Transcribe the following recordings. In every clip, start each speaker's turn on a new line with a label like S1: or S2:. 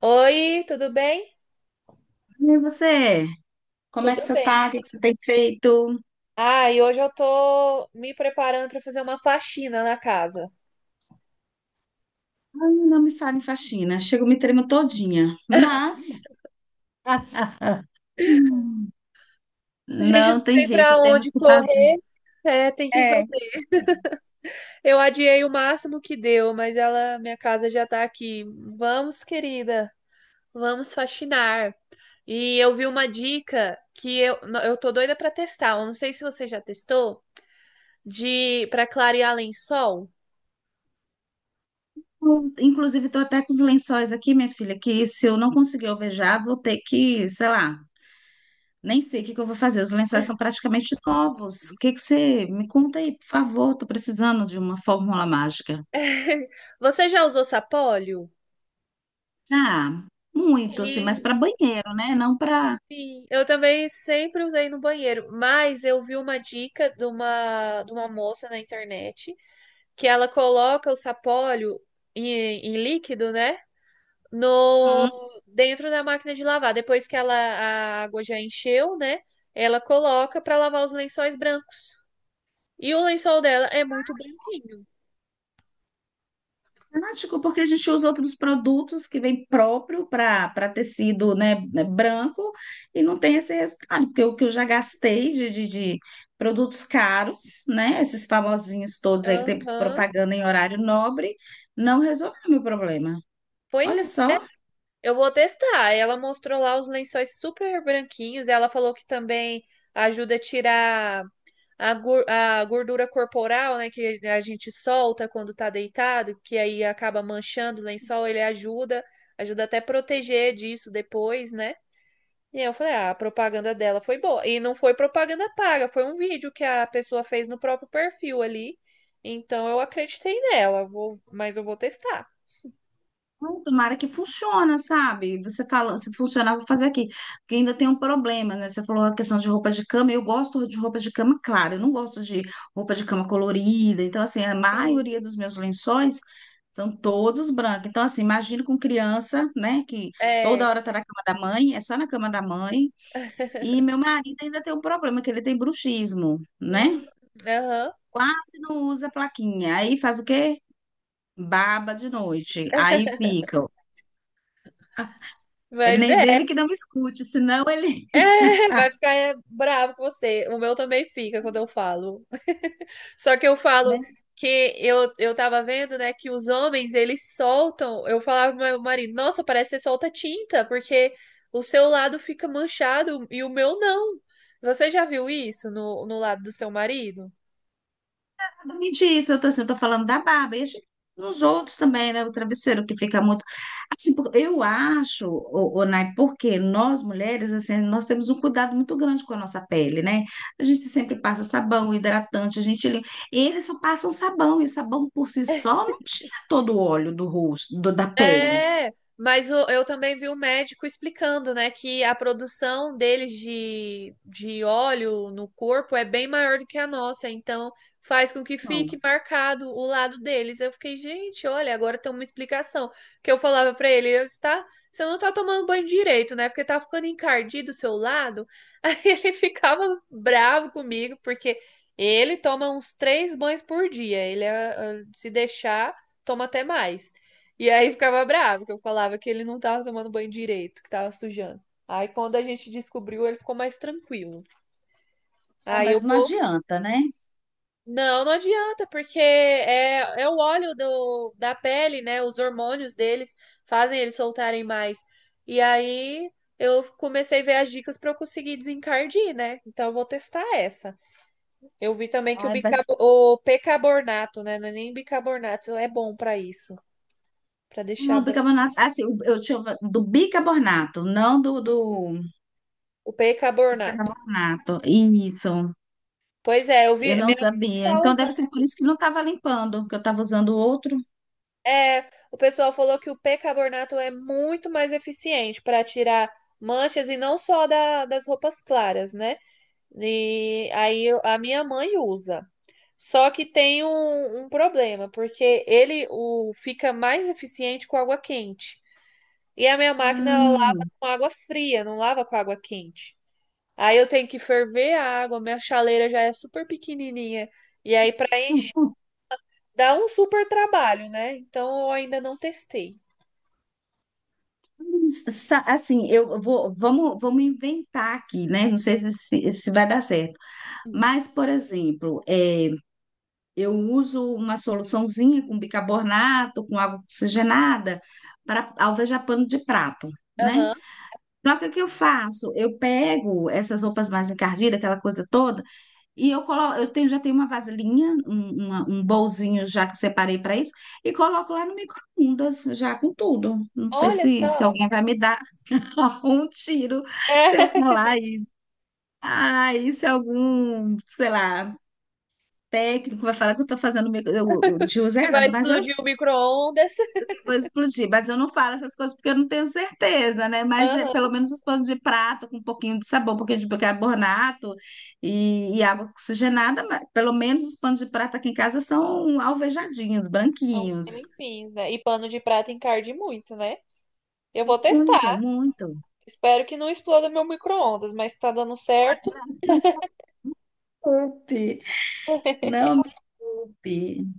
S1: Oi, tudo bem?
S2: E você? Como é
S1: Tudo
S2: que você
S1: bem.
S2: tá? O que que você tem feito?
S1: Ah, e hoje eu tô me preparando para fazer uma faxina na casa.
S2: Ai, não me fale em faxina. Chego, me tremo todinha. Mas
S1: A gente não
S2: não tem
S1: tem
S2: jeito,
S1: para onde
S2: temos que fazer.
S1: correr, é, tem que fazer.
S2: É, não tem.
S1: Eu adiei o máximo que deu, mas minha casa já tá aqui. Vamos, querida, vamos faxinar. E eu vi uma dica que eu, não, eu tô doida para testar. Eu não sei se você já testou, de para clarear lençol.
S2: Inclusive, estou até com os lençóis aqui, minha filha, que se eu não conseguir alvejar, vou ter que, sei lá, nem sei o que que eu vou fazer. Os lençóis são praticamente novos. O que que você me conta aí, por favor? Tô precisando de uma fórmula mágica.
S1: Você já usou sapólio?
S2: Ah, muito, assim, mas
S1: E
S2: para banheiro, né? Não para.
S1: Sim, eu também sempre usei no banheiro, mas eu vi uma dica de uma moça na internet que ela coloca o sapólio em líquido, né? No, Dentro da máquina de lavar. Depois que a água já encheu, né? Ela coloca para lavar os lençóis brancos. E o lençol dela é muito branquinho.
S2: Prático, porque a gente usa outros produtos que vem próprio para tecido, né, branco e não tem esse resultado, porque o que eu já gastei de produtos caros, né, esses famosinhos todos aí que tem
S1: Aham.
S2: propaganda em horário nobre, não resolveu o meu problema.
S1: Pois
S2: Olha
S1: é.
S2: só.
S1: Eu vou testar. Ela mostrou lá os lençóis super branquinhos. Ela falou que também ajuda a tirar a gordura corporal, né, que a gente solta quando tá deitado, que aí acaba manchando o lençol, ele ajuda até proteger disso depois, né? E aí eu falei, ah, a propaganda dela foi boa. E não foi propaganda paga, foi um vídeo que a pessoa fez no próprio perfil ali. Então eu acreditei nela, mas eu vou testar.
S2: Ai, tomara que funciona, sabe? Você fala, se funcionar, vou fazer aqui. Porque ainda tem um problema, né? Você falou a questão de roupa de cama. Eu gosto de roupa de cama clara, eu não gosto de roupa de cama colorida. Então, assim, a
S1: Sim.
S2: maioria dos meus lençóis são todos brancos. Então, assim, imagino com criança, né? Que toda
S1: É.
S2: hora tá na cama da mãe, é só na cama da mãe. E meu marido ainda tem um problema, que ele tem bruxismo, né?
S1: Hum. Aham.
S2: Quase não usa plaquinha. Aí faz o quê? Baba de noite. Aí fica. Ele
S1: Mas
S2: nem
S1: é,
S2: dele que não me escute, senão ele.
S1: vai ficar bravo com você. O meu também fica quando eu falo. Só que eu falo
S2: né?
S1: que eu tava vendo, né, que os homens, eles soltam. Eu falava pro meu marido, nossa, parece que você solta tinta, porque o seu lado fica manchado e o meu não. Você já viu isso no lado do seu marido?
S2: Não me diz, eu tô assim, eu tô falando da barba, e a gente- nos outros também, né? O travesseiro que fica muito. Assim, por- eu acho, o, Nai, porque nós mulheres, assim, nós temos um cuidado muito grande com a nossa pele, né? A gente sempre passa sabão, hidratante, a gente limpa. Eles só passam sabão, e sabão por si só não tira todo o óleo do rosto, do- da pele.
S1: É, mas eu também vi o médico explicando, né, que a produção deles de óleo no corpo é bem maior do que a nossa, então faz com que fique
S2: Não.
S1: marcado o lado deles. Eu fiquei, gente, olha, agora tem uma explicação. Que eu falava pra ele, você não tá tomando banho direito, né? Porque tá ficando encardido o seu lado. Aí ele ficava bravo comigo, porque ele toma uns três banhos por dia. Ele se deixar, toma até mais. E aí ficava bravo, que eu falava que ele não tava tomando banho direito, que tava sujando. Aí quando a gente descobriu, ele ficou mais tranquilo.
S2: Ah,
S1: Aí eu
S2: mas não
S1: vou.
S2: adianta, né?
S1: Não, não adianta, porque é o óleo do, da pele, né? Os hormônios deles fazem eles soltarem mais. E aí eu comecei a ver as dicas para eu conseguir desencardir, né? Então eu vou testar essa. Eu vi também que o,
S2: Ai, vai.
S1: bicab o percarbonato, né? Não é nem bicarbonato, é bom para isso, para deixar
S2: Não, o
S1: branco.
S2: bicarbonato, assim, o- eu tinha do bicarbonato, não do
S1: O percarbonato.
S2: percarbonato. Isso,
S1: Pois é, eu vi.
S2: eu não
S1: Minha mãe
S2: sabia.
S1: tá
S2: Então deve
S1: usando.
S2: ser por isso que não estava limpando, que eu estava usando outro.
S1: É, o pessoal falou que o percarbonato é muito mais eficiente para tirar manchas e não só das roupas claras, né? E aí a minha mãe usa. Só que tem um problema, porque ele fica mais eficiente com água quente. E a minha máquina ela lava
S2: Hum.
S1: com água fria, não lava com água quente. Aí eu tenho que ferver a água, minha chaleira já é super pequenininha. E aí, para dá um super trabalho, né? Então eu ainda não testei.
S2: Sa- assim, eu vou, vamos inventar aqui, né? Não sei se, se vai dar certo.
S1: Hum.
S2: Mas, por exemplo, é, eu uso uma soluçãozinha com bicarbonato, com água oxigenada, para alvejar pano de prato, né?
S1: Aham.
S2: Só que o que eu faço? Eu pego essas roupas mais encardidas, aquela coisa toda, e eu coloco, eu tenho, já tenho uma vasilhinha, um, uma- um bolzinho já que eu separei para isso, e coloco lá no micro-ondas, já com tudo. Não sei
S1: Olha
S2: se, se
S1: só.
S2: alguém vai me dar um tiro
S1: É,
S2: se eu falar isso. Ah, isso é algum, sei lá, técnico vai falar que eu estou fazendo o micro- eu- de uso
S1: que vai
S2: errado, mas eu
S1: explodir o micro-ondas.
S2: vou explodir, mas eu não falo essas coisas porque eu não tenho certeza, né? Mas é,
S1: Aham.
S2: pelo menos os panos de prato com um pouquinho de sabor, um pouquinho de bicarbonato e água oxigenada, mas pelo menos os panos de prato aqui em casa são alvejadinhos,
S1: São bem
S2: branquinhos.
S1: limpinhos, né? E pano de prato encarde muito, né? Eu vou
S2: Muito,
S1: testar.
S2: muito.
S1: Espero que não exploda meu micro-ondas, mas tá dando certo.
S2: Desculpe. Não me culpe.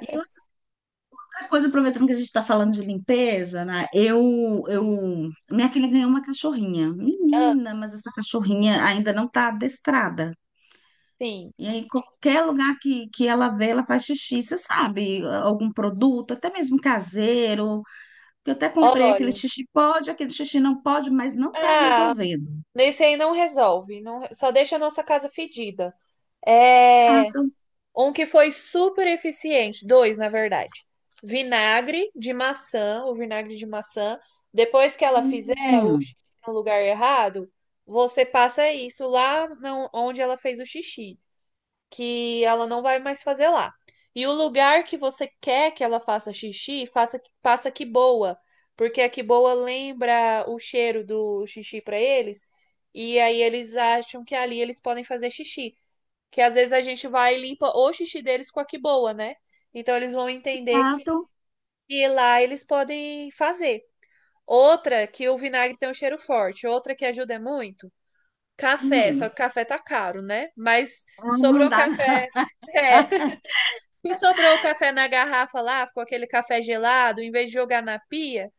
S2: E outra coisa, aproveitando que a gente está falando de limpeza, né? Eu, minha filha ganhou uma cachorrinha,
S1: Ah,
S2: menina, mas essa cachorrinha ainda não está adestrada.
S1: sim.
S2: E aí, qualquer lugar que ela vê, ela faz xixi, você sabe, algum produto, até mesmo caseiro, que eu até comprei aquele
S1: Olha.
S2: xixi pode, aquele xixi não pode, mas não está
S1: Ah,
S2: resolvendo.
S1: nesse aí não resolve. Não. Só deixa a nossa casa fedida. É.
S2: Exato.
S1: Um que foi super eficiente, dois, na verdade. Vinagre de maçã, o vinagre de maçã. Depois que ela fizer o
S2: Hum,
S1: xixi no lugar errado, você passa isso lá onde ela fez o xixi, que ela não vai mais fazer lá. E o lugar que você quer que ela faça xixi, faça, passa que boa, porque a que boa lembra o cheiro do xixi para eles, e aí eles acham que ali eles podem fazer xixi, que às vezes a gente vai e limpa o xixi deles com a que boa, né? Então eles vão entender que,
S2: exato.
S1: que lá eles podem fazer. Outra que o vinagre tem um cheiro forte, outra que ajuda é muito, café, só
S2: Hum,
S1: que café tá caro, né? Mas
S2: ah, não
S1: sobrou
S2: dá,
S1: café, é, se sobrou o café na garrafa lá, ficou aquele café gelado, em vez de jogar na pia,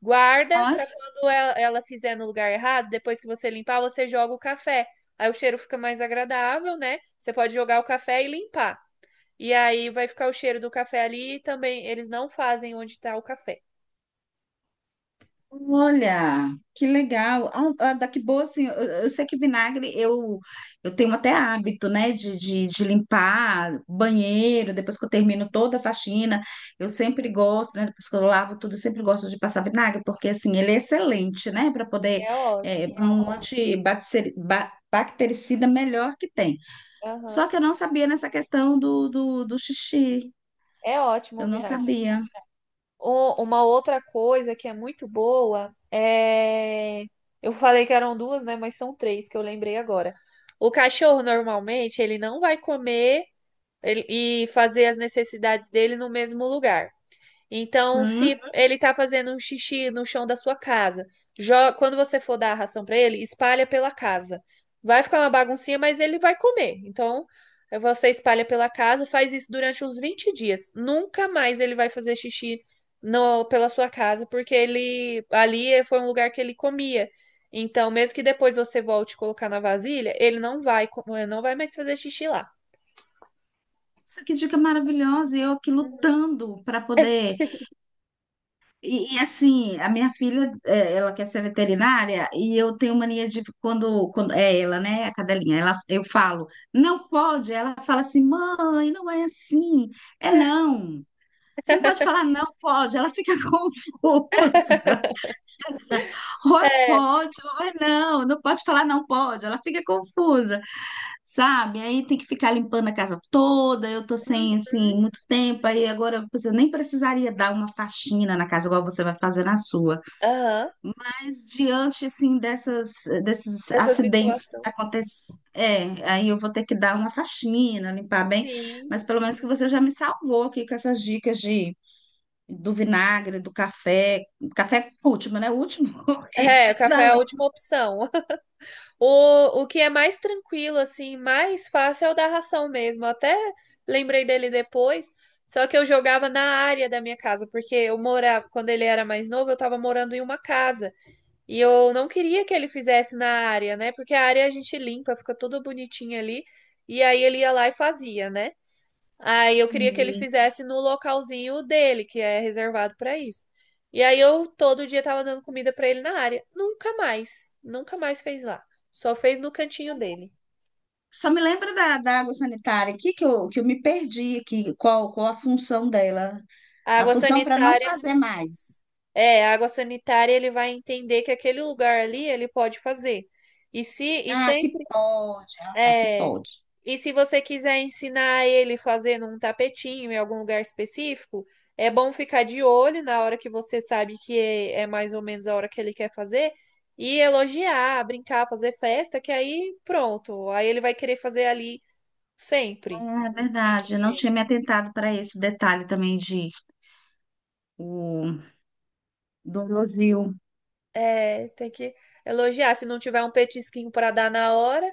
S1: guarda
S2: não.
S1: para quando ela fizer no lugar errado, depois que você limpar, você joga o café. Aí o cheiro fica mais agradável, né? Você pode jogar o café e limpar. E aí vai ficar o cheiro do café ali e também eles não fazem onde está o café.
S2: Olha, que legal. Ah, ah, daqui boa, assim, eu sei que vinagre eu tenho até hábito, né, de limpar banheiro, depois que eu termino toda a faxina, eu sempre gosto, né, depois que eu lavo tudo, eu sempre gosto de passar vinagre, porque, assim, ele é excelente, né, para
S1: Sim,
S2: poder,
S1: é
S2: é
S1: ótimo.
S2: é um antibacteri- ba- bactericida melhor que tem. Só
S1: Aham.
S2: que eu não sabia nessa questão do xixi,
S1: É ótimo o
S2: eu não
S1: vinagre.
S2: sabia.
S1: Uma outra coisa que é muito boa é. Eu falei que eram duas, né? Mas são três que eu lembrei agora. O cachorro normalmente ele não vai comer e fazer as necessidades dele no mesmo lugar. Então,
S2: Hum.
S1: se ele está fazendo um xixi no chão da sua casa, quando você for dar a ração para ele, espalha pela casa. Vai ficar uma baguncinha, mas ele vai comer. Então, você espalha pela casa, faz isso durante uns 20 dias. Nunca mais ele vai fazer xixi pela sua casa, porque ele ali foi um lugar que ele comia. Então, mesmo que depois você volte colocar na vasilha, ele não vai mais fazer xixi lá.
S2: Isso que dica maravilhosa! E eu aqui
S1: Uhum.
S2: lutando para poder. E, assim, a minha filha, é, ela quer ser veterinária e eu tenho mania de quando, quando é ela, né, a cadelinha, ela, eu falo, não pode, ela fala assim, mãe, não é assim, é não. Você não pode falar não pode, ela fica confusa. Ou é
S1: É.
S2: pode, ou é não, não pode falar não pode, ela fica confusa, sabe? Aí tem que ficar limpando a casa toda, eu tô sem, assim,
S1: Uhum.
S2: muito tempo, aí agora você nem precisaria dar uma faxina na casa igual você vai fazer na sua.
S1: Aham.
S2: Mas diante, assim, dessas, desses
S1: Dessa
S2: acidentes que
S1: situação.
S2: acontecem, é, aí eu vou ter que dar uma faxina, limpar bem,
S1: Sim.
S2: mas pelo menos que você já me salvou aqui com essas dicas de, do vinagre, do café, café último, né? O último
S1: É,
S2: item
S1: o café
S2: da
S1: é a
S2: lista.
S1: última opção. O que é mais tranquilo, assim, mais fácil é o da ração mesmo. Eu até lembrei dele depois. Só que eu jogava na área da minha casa, porque eu morava, quando ele era mais novo, eu tava morando em uma casa. E eu não queria que ele fizesse na área, né? Porque a área a gente limpa, fica tudo bonitinho ali. E aí ele ia lá e fazia, né? Aí eu queria que ele
S2: Uhum.
S1: fizesse no localzinho dele, que é reservado pra isso. E aí eu todo dia tava dando comida pra ele na área. Nunca mais, nunca mais fez lá. Só fez no cantinho dele.
S2: Só me lembra da, da água sanitária aqui, que eu me perdi aqui, qual, qual a função dela?
S1: A
S2: A
S1: água
S2: função para não
S1: sanitária,
S2: fazer mais.
S1: é, a água sanitária ele vai entender que aquele lugar ali ele pode fazer. E se e
S2: Ah,
S1: sem
S2: que pode. Ah, tá, que
S1: É.
S2: pode.
S1: E se você quiser ensinar ele fazendo um tapetinho em algum lugar específico, é bom ficar de olho na hora que você sabe que é mais ou menos a hora que ele quer fazer e elogiar, brincar, fazer festa, que aí pronto. Aí ele vai querer fazer ali sempre.
S2: É verdade,
S1: Cantinho
S2: eu não
S1: dele.
S2: tinha me atentado para esse detalhe também de o, do elogio.
S1: É, tem que elogiar. Se não tiver um petisquinho para dar na hora,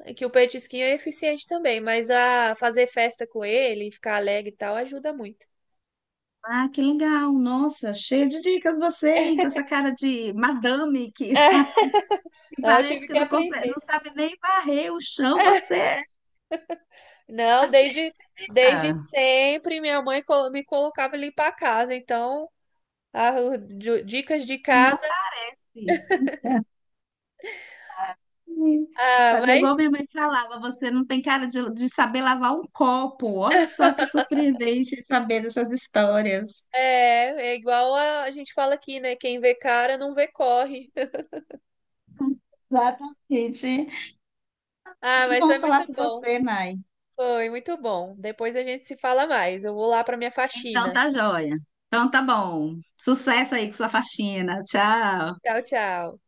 S1: é que o petisquinho é eficiente também, mas a fazer festa com ele, ficar alegre e tal, ajuda muito.
S2: Ah, que legal! Nossa, cheia de dicas você, hein? Com essa cara de madame que
S1: É, eu
S2: parece
S1: tive
S2: que
S1: que
S2: não consegue,
S1: aprender.
S2: não sabe nem varrer o chão, você é.
S1: Não, desde sempre minha mãe me colocava ali para casa, então ah, dicas de
S2: Não
S1: casa,
S2: parece.
S1: ah,
S2: Fazer igual
S1: mas
S2: minha mãe falava, você não tem cara de saber lavar um copo. Olha só que surpreendente saber dessas histórias.
S1: é igual a gente fala aqui, né? Quem vê cara não vê corre.
S2: Exatamente.
S1: Ah,
S2: Que
S1: mas
S2: bom
S1: foi muito
S2: falar com
S1: bom.
S2: você, Nai.
S1: Foi muito bom. Depois a gente se fala mais. Eu vou lá para minha
S2: Então
S1: faxina.
S2: tá joia. Então tá bom. Sucesso aí com sua faxina. Tchau.
S1: Tchau, tchau.